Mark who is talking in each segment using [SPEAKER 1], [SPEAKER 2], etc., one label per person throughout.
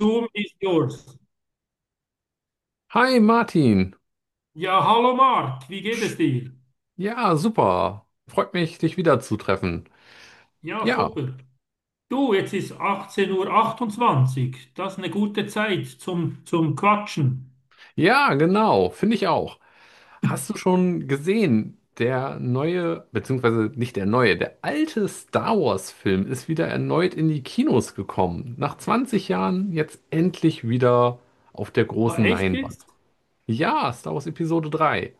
[SPEAKER 1] Zoom ist yours.
[SPEAKER 2] Hi Martin.
[SPEAKER 1] Ja, hallo Marc, wie geht es dir?
[SPEAKER 2] Ja, super. Freut mich, dich wiederzutreffen.
[SPEAKER 1] Ja,
[SPEAKER 2] Ja,
[SPEAKER 1] super. Du, jetzt ist 18:28 Uhr, 28. Das ist eine gute Zeit zum Quatschen.
[SPEAKER 2] ja, genau, finde ich auch. Hast du schon gesehen, der neue, beziehungsweise nicht der neue, der alte Star Wars-Film ist wieder erneut in die Kinos gekommen. Nach 20 Jahren jetzt endlich wieder auf der
[SPEAKER 1] Ah,
[SPEAKER 2] großen
[SPEAKER 1] echt
[SPEAKER 2] Leinwand.
[SPEAKER 1] jetzt?
[SPEAKER 2] Ja, Star Wars Episode 3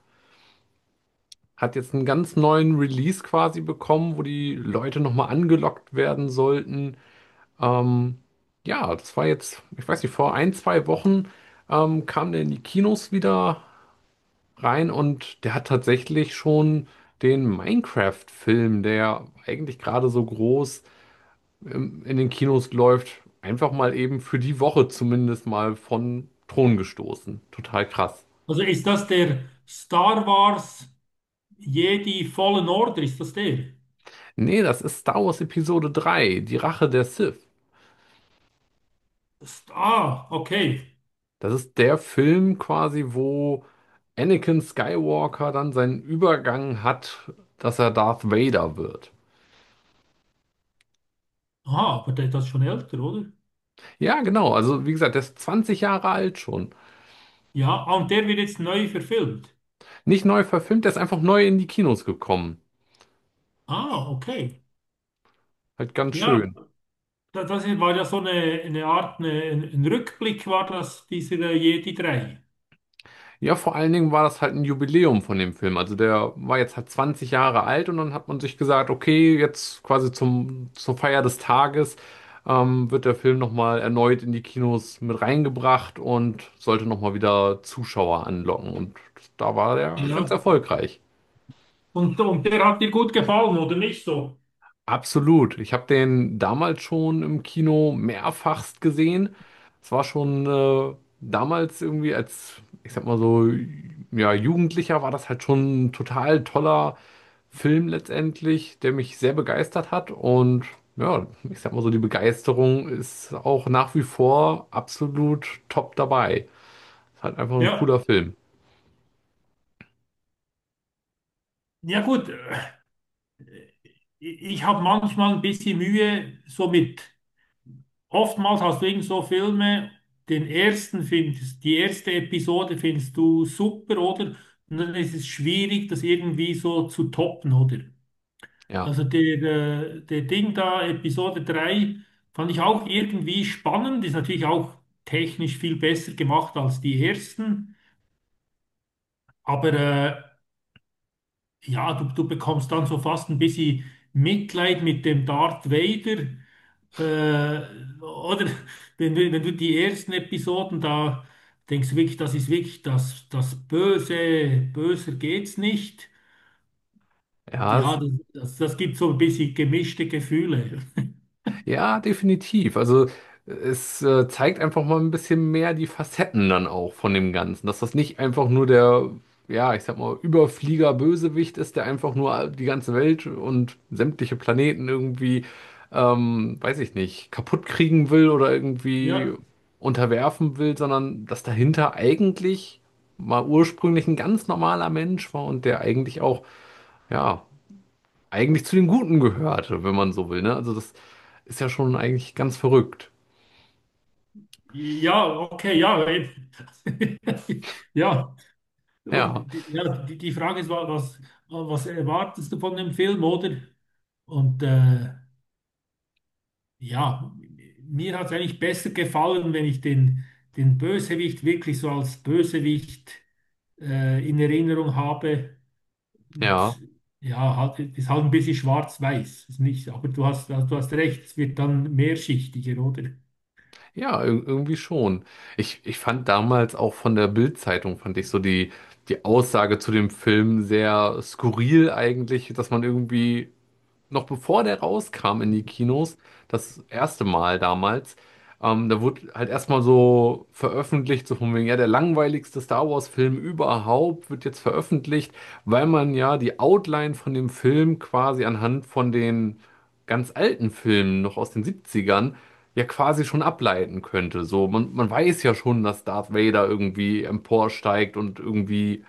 [SPEAKER 2] hat jetzt einen ganz neuen Release quasi bekommen, wo die Leute nochmal angelockt werden sollten. Ähm, ja, das war jetzt, ich weiß nicht, vor ein, zwei Wochen kam der in die Kinos wieder rein und der hat tatsächlich schon den Minecraft-Film, der eigentlich gerade so groß in den Kinos läuft, einfach mal eben für die Woche zumindest mal von Thron gestoßen. Total krass.
[SPEAKER 1] Also ist das der Star Wars Jedi Fallen Order? Ist das der?
[SPEAKER 2] Nee, das ist Star Wars Episode drei, die Rache der Sith.
[SPEAKER 1] Ah, okay.
[SPEAKER 2] Das ist der Film quasi, wo Anakin Skywalker dann seinen Übergang hat, dass er Darth Vader wird.
[SPEAKER 1] Ah, aber der, das ist schon älter, oder?
[SPEAKER 2] Ja, genau. Also, wie gesagt, der ist 20 Jahre alt schon.
[SPEAKER 1] Ja, ah, und der wird jetzt neu verfilmt.
[SPEAKER 2] Nicht neu verfilmt, der ist einfach neu in die Kinos gekommen.
[SPEAKER 1] Ah, okay.
[SPEAKER 2] Halt ganz
[SPEAKER 1] Ja,
[SPEAKER 2] schön.
[SPEAKER 1] das war ja so eine Art, ein Rückblick war das, dieser Jedi 3.
[SPEAKER 2] Ja, vor allen Dingen war das halt ein Jubiläum von dem Film. Also der war jetzt halt 20 Jahre alt und dann hat man sich gesagt, okay, jetzt quasi zum, zur Feier des Tages wird der Film nochmal erneut in die Kinos mit reingebracht und sollte nochmal wieder Zuschauer anlocken. Und da war der ganz
[SPEAKER 1] Ja.
[SPEAKER 2] erfolgreich.
[SPEAKER 1] Und der hat dir gut gefallen, oder nicht so?
[SPEAKER 2] Absolut. Ich habe den damals schon im Kino mehrfachst gesehen. Es war schon damals irgendwie als, ich sag mal so, ja, Jugendlicher war das halt schon ein total toller Film letztendlich, der mich sehr begeistert hat. Und ja, ich sag mal so, die Begeisterung ist auch nach wie vor absolut top dabei. Ist halt einfach ein
[SPEAKER 1] Ja.
[SPEAKER 2] cooler Film.
[SPEAKER 1] Ja gut, ich habe manchmal ein bisschen Mühe, oftmals hast du irgend so Filme, die erste Episode findest du super, oder? Und dann ist es schwierig, das irgendwie so zu toppen, oder?
[SPEAKER 2] Ja.
[SPEAKER 1] Also der Ding da, Episode 3 fand ich auch irgendwie spannend, ist natürlich auch technisch viel besser gemacht als die ersten, aber ja, du bekommst dann so fast ein bisschen Mitleid mit dem Darth Vader. Oder wenn du die ersten Episoden da denkst, du wirklich, das ist wirklich das Böse, böser geht's nicht. Und
[SPEAKER 2] Ja,
[SPEAKER 1] ja,
[SPEAKER 2] es.
[SPEAKER 1] das gibt so ein bisschen gemischte Gefühle.
[SPEAKER 2] Ja, definitiv. Also es zeigt einfach mal ein bisschen mehr die Facetten dann auch von dem Ganzen, dass das nicht einfach nur der, ja, ich sag mal, Überflieger-Bösewicht ist, der einfach nur die ganze Welt und sämtliche Planeten irgendwie, weiß ich nicht, kaputt kriegen will oder irgendwie
[SPEAKER 1] Ja,
[SPEAKER 2] unterwerfen will, sondern dass dahinter eigentlich mal ursprünglich ein ganz normaler Mensch war und der eigentlich auch, ja eigentlich zu den Guten gehört, wenn man so will, ne? Also das ist ja schon eigentlich ganz verrückt.
[SPEAKER 1] ja, okay, ja. Eben. Ja,
[SPEAKER 2] Ja,
[SPEAKER 1] und ja, die Frage ist, was erwartest du von dem Film, oder? Und ja, mir hat es eigentlich besser gefallen, wenn ich den Bösewicht wirklich so als Bösewicht in Erinnerung habe. Und,
[SPEAKER 2] ja,
[SPEAKER 1] ja, halt, ist halt ein bisschen schwarz-weiß. Ist nicht, aber also du hast recht, es wird dann mehrschichtiger, oder?
[SPEAKER 2] ja, irgendwie schon. Ich fand damals auch von der Bild-Zeitung, fand ich so die, die Aussage zu dem Film sehr skurril eigentlich, dass man irgendwie noch bevor der rauskam in die Kinos, das erste Mal damals, da wurde halt erstmal so veröffentlicht, so von wegen, ja, der langweiligste Star Wars-Film überhaupt wird jetzt veröffentlicht, weil man ja die Outline von dem Film quasi anhand von den ganz alten Filmen noch aus den 70ern ja quasi schon ableiten könnte. So, man weiß ja schon, dass Darth Vader irgendwie emporsteigt und irgendwie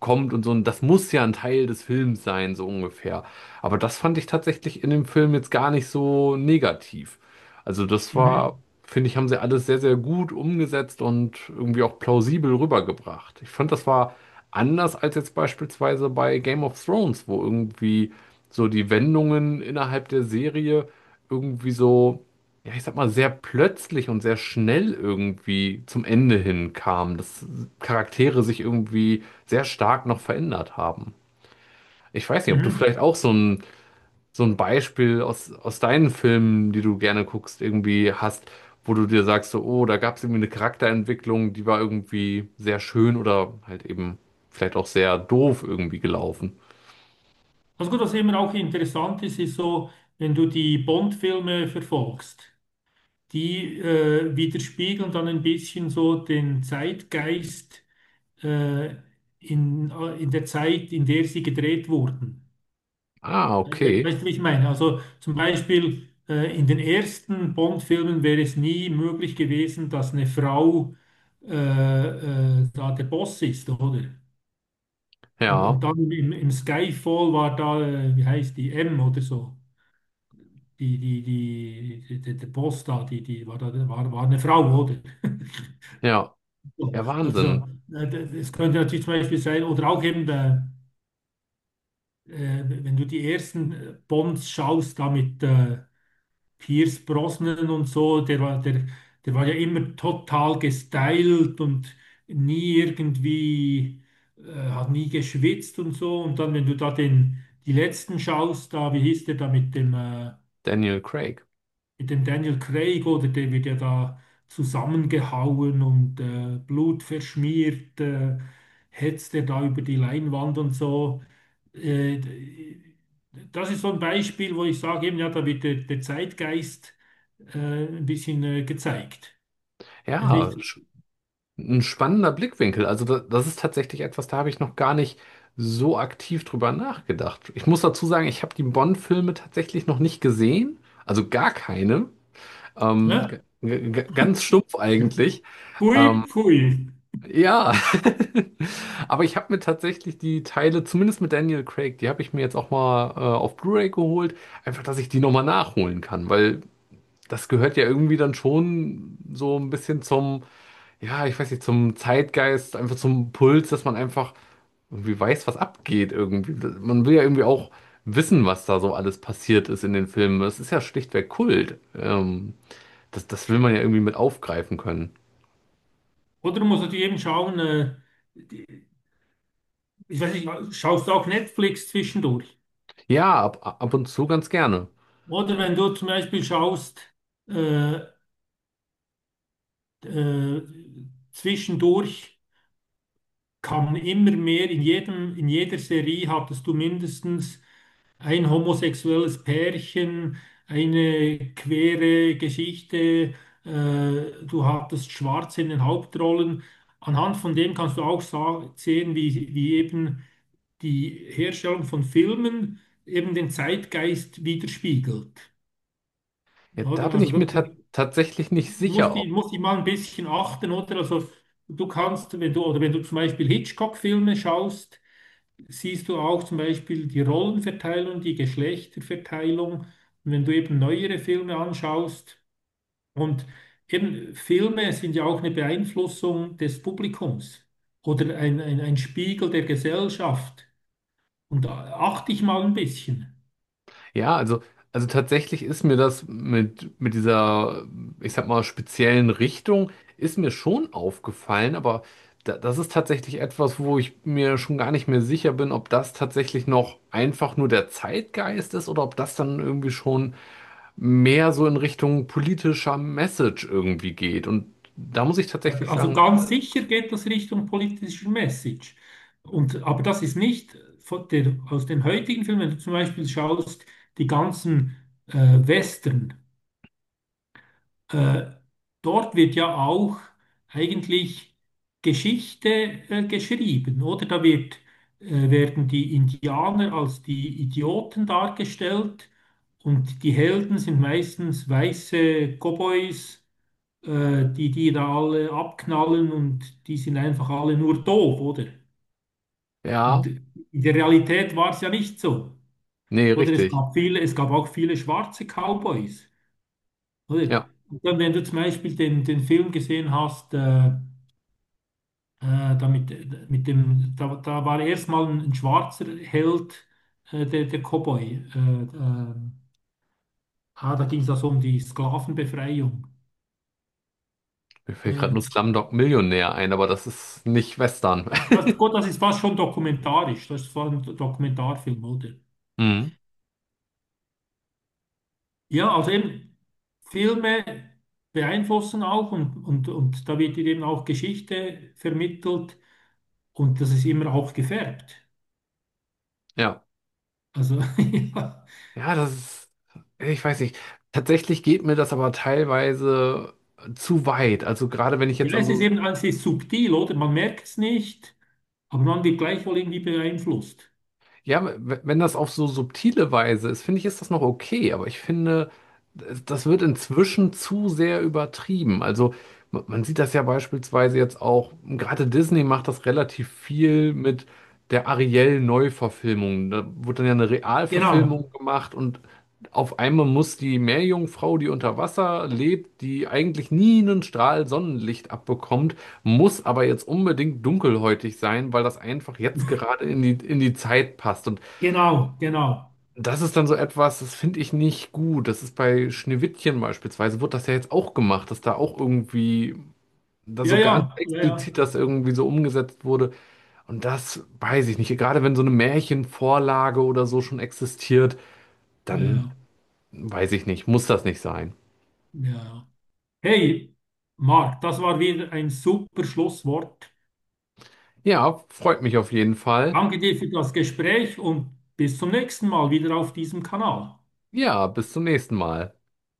[SPEAKER 2] kommt und so. Und das muss ja ein Teil des Films sein, so ungefähr. Aber das fand ich tatsächlich in dem Film jetzt gar nicht so negativ. Also das war,
[SPEAKER 1] Mhm.
[SPEAKER 2] finde ich, haben sie alles sehr, sehr gut umgesetzt und irgendwie auch plausibel rübergebracht. Ich fand, das war anders als jetzt beispielsweise bei Game of Thrones, wo irgendwie so die Wendungen innerhalb der Serie irgendwie so, ja, ich sag mal, sehr plötzlich und sehr schnell irgendwie zum Ende hin kam, dass Charaktere sich irgendwie sehr stark noch verändert haben. Ich weiß nicht, ob du
[SPEAKER 1] Mhm.
[SPEAKER 2] vielleicht auch so ein Beispiel aus, aus deinen Filmen, die du gerne guckst, irgendwie hast, wo du dir sagst, so, oh, da gab es irgendwie eine Charakterentwicklung, die war irgendwie sehr schön oder halt eben vielleicht auch sehr doof irgendwie gelaufen.
[SPEAKER 1] Also gut, was immer auch interessant ist, ist so, wenn du die Bond-Filme verfolgst, die widerspiegeln dann ein bisschen so den Zeitgeist äh, in der Zeit, in der sie gedreht wurden.
[SPEAKER 2] Ah,
[SPEAKER 1] Äh, We-
[SPEAKER 2] okay.
[SPEAKER 1] Weißt du, wie ich meine? Also zum Beispiel in den ersten Bond-Filmen wäre es nie möglich gewesen, dass eine Frau äh, da der Boss ist, oder? Und
[SPEAKER 2] Ja,
[SPEAKER 1] dann im Skyfall war da, wie heißt die, M oder so. Der Boss da, die war eine Frau, oder?
[SPEAKER 2] ja.
[SPEAKER 1] So,
[SPEAKER 2] Ja,
[SPEAKER 1] also,
[SPEAKER 2] Wahnsinn.
[SPEAKER 1] das könnte natürlich zum Beispiel sein, oder auch eben wenn du die ersten Bonds schaust, da mit Pierce Brosnan und so, der war ja immer total gestylt und nie irgendwie, äh, hat nie geschwitzt und so. Und dann, wenn du da die letzten schaust, da, wie hieß der da mit dem, äh,
[SPEAKER 2] Daniel Craig.
[SPEAKER 1] mit dem Daniel Craig oder der wird ja da zusammengehauen und Blut verschmiert, hetzt er da über die Leinwand und so. Äh, Das ist so ein Beispiel, wo ich sage, eben, ja, da wird der, der Zeitgeist ein bisschen gezeigt. Das ist
[SPEAKER 2] Ja,
[SPEAKER 1] nicht,
[SPEAKER 2] ein spannender Blickwinkel. Also da, das ist tatsächlich etwas, da habe ich noch gar nicht so aktiv drüber nachgedacht. Ich muss dazu sagen, ich habe die Bond-Filme tatsächlich noch nicht gesehen. Also gar keine.
[SPEAKER 1] ne?
[SPEAKER 2] Ganz stumpf eigentlich.
[SPEAKER 1] Pfui,
[SPEAKER 2] Ähm,
[SPEAKER 1] pfui.
[SPEAKER 2] ja. Aber ich habe mir tatsächlich die Teile, zumindest mit Daniel Craig, die habe ich mir jetzt auch mal auf Blu-ray geholt. Einfach, dass ich die nochmal nachholen kann. Weil das gehört ja irgendwie dann schon so ein bisschen zum, ja, ich weiß nicht, zum Zeitgeist, einfach zum Puls, dass man einfach irgendwie weiß, was abgeht irgendwie. Man will ja irgendwie auch wissen, was da so alles passiert ist in den Filmen. Es ist ja schlichtweg Kult. Das, das will man ja irgendwie mit aufgreifen können.
[SPEAKER 1] Oder du musst natürlich eben schauen, die- ich weiß nicht, schaust du auch Netflix zwischendurch?
[SPEAKER 2] Ja, ab, ab und zu ganz gerne.
[SPEAKER 1] Oder wenn du zum Beispiel schaust, äh, Äh, zwischendurch kam immer mehr, in jeder Serie hattest du mindestens ein homosexuelles Pärchen, eine queere Geschichte, äh, du hattest Schwarze in den Hauptrollen. Anhand von dem kannst du auch sehen, wie, wie eben die Herstellung von Filmen eben den Zeitgeist widerspiegelt.
[SPEAKER 2] Ja, da
[SPEAKER 1] Oder?
[SPEAKER 2] bin
[SPEAKER 1] Also
[SPEAKER 2] ich
[SPEAKER 1] da,
[SPEAKER 2] mir
[SPEAKER 1] da
[SPEAKER 2] ta tatsächlich nicht
[SPEAKER 1] muss
[SPEAKER 2] sicher.
[SPEAKER 1] die, muss die mal ein bisschen achten, oder? Also du kannst, wenn du, oder wenn du zum Beispiel Hitchcock-Filme schaust, siehst du auch zum Beispiel die Rollenverteilung, die Geschlechterverteilung. Und wenn du eben neuere Filme anschaust, und eben Filme sind ja auch eine Beeinflussung des Publikums oder ein Spiegel der Gesellschaft. Und da achte ich mal ein bisschen.
[SPEAKER 2] Ja, also tatsächlich ist mir das mit dieser, ich sag mal, speziellen Richtung, ist mir schon aufgefallen, aber da, das ist tatsächlich etwas, wo ich mir schon gar nicht mehr sicher bin, ob das tatsächlich noch einfach nur der Zeitgeist ist oder ob das dann irgendwie schon mehr so in Richtung politischer Message irgendwie geht. Und da muss ich
[SPEAKER 1] Ja,
[SPEAKER 2] tatsächlich
[SPEAKER 1] also
[SPEAKER 2] sagen,
[SPEAKER 1] ganz sicher geht das Richtung politischer Message. Aber das ist nicht aus den heutigen Filmen, wenn du zum Beispiel schaust, die ganzen äh, Western, äh, dort wird ja auch eigentlich Geschichte geschrieben, oder? Werden die Indianer als die Idioten dargestellt und die Helden sind meistens weiße Cowboys die die da alle abknallen und die sind einfach alle nur doof, oder? Und
[SPEAKER 2] ja,
[SPEAKER 1] in der Realität war es ja nicht so.
[SPEAKER 2] nee,
[SPEAKER 1] Oder es
[SPEAKER 2] richtig.
[SPEAKER 1] gab viele, es gab auch viele schwarze Cowboys, oder?
[SPEAKER 2] Ja,
[SPEAKER 1] Und dann, wenn du zum Beispiel den Film gesehen hast, da mit dem, da, da war erstmal ein schwarzer Held, der Cowboy. Äh, da ging es also um die Sklavenbefreiung.
[SPEAKER 2] mir fällt gerade
[SPEAKER 1] Äh,
[SPEAKER 2] nur Slumdog Millionär ein, aber das ist nicht Western.
[SPEAKER 1] gut, das ist fast schon dokumentarisch, das ist fast ein Dokumentarfilm, oder?
[SPEAKER 2] Mhm.
[SPEAKER 1] Ja, also eben Filme beeinflussen auch und, da wird dir eben auch Geschichte vermittelt und das ist immer auch gefärbt.
[SPEAKER 2] Ja.
[SPEAKER 1] Also ja,
[SPEAKER 2] Ja, das ist, ich weiß nicht. Tatsächlich geht mir das aber teilweise zu weit. Also gerade wenn ich jetzt
[SPEAKER 1] ja,
[SPEAKER 2] an
[SPEAKER 1] es ist
[SPEAKER 2] so,
[SPEAKER 1] eben, es ist subtil, oder? Man merkt es nicht, aber man wird gleichwohl irgendwie beeinflusst.
[SPEAKER 2] ja, wenn das auf so subtile Weise ist, finde ich, ist das noch okay. Aber ich finde, das wird inzwischen zu sehr übertrieben. Also man sieht das ja beispielsweise jetzt auch, gerade Disney macht das relativ viel mit. Der Ariel-Neuverfilmung. Da wurde dann ja eine Realverfilmung
[SPEAKER 1] Genau,
[SPEAKER 2] gemacht und auf einmal muss die Meerjungfrau, die unter Wasser lebt, die eigentlich nie einen Strahl Sonnenlicht abbekommt, muss aber jetzt unbedingt dunkelhäutig sein, weil das einfach jetzt gerade in die Zeit passt. Und
[SPEAKER 1] genau, genau.
[SPEAKER 2] das ist dann so etwas, das finde ich nicht gut. Das ist bei Schneewittchen beispielsweise, wird das ja jetzt auch gemacht, dass da auch irgendwie, da
[SPEAKER 1] Ja,
[SPEAKER 2] so
[SPEAKER 1] ja,
[SPEAKER 2] ganz
[SPEAKER 1] ja, ja,
[SPEAKER 2] explizit das irgendwie so umgesetzt wurde und das weiß ich nicht. Gerade wenn so eine Märchenvorlage oder so schon existiert,
[SPEAKER 1] ja,
[SPEAKER 2] dann
[SPEAKER 1] ja,
[SPEAKER 2] weiß ich nicht, muss das nicht sein.
[SPEAKER 1] ja, ja. Hey, Marc, das war wieder ein super Schlusswort.
[SPEAKER 2] Ja, freut mich auf jeden Fall.
[SPEAKER 1] Danke dir für das Gespräch und bis zum nächsten Mal wieder auf diesem Kanal.
[SPEAKER 2] Ja, bis zum nächsten Mal.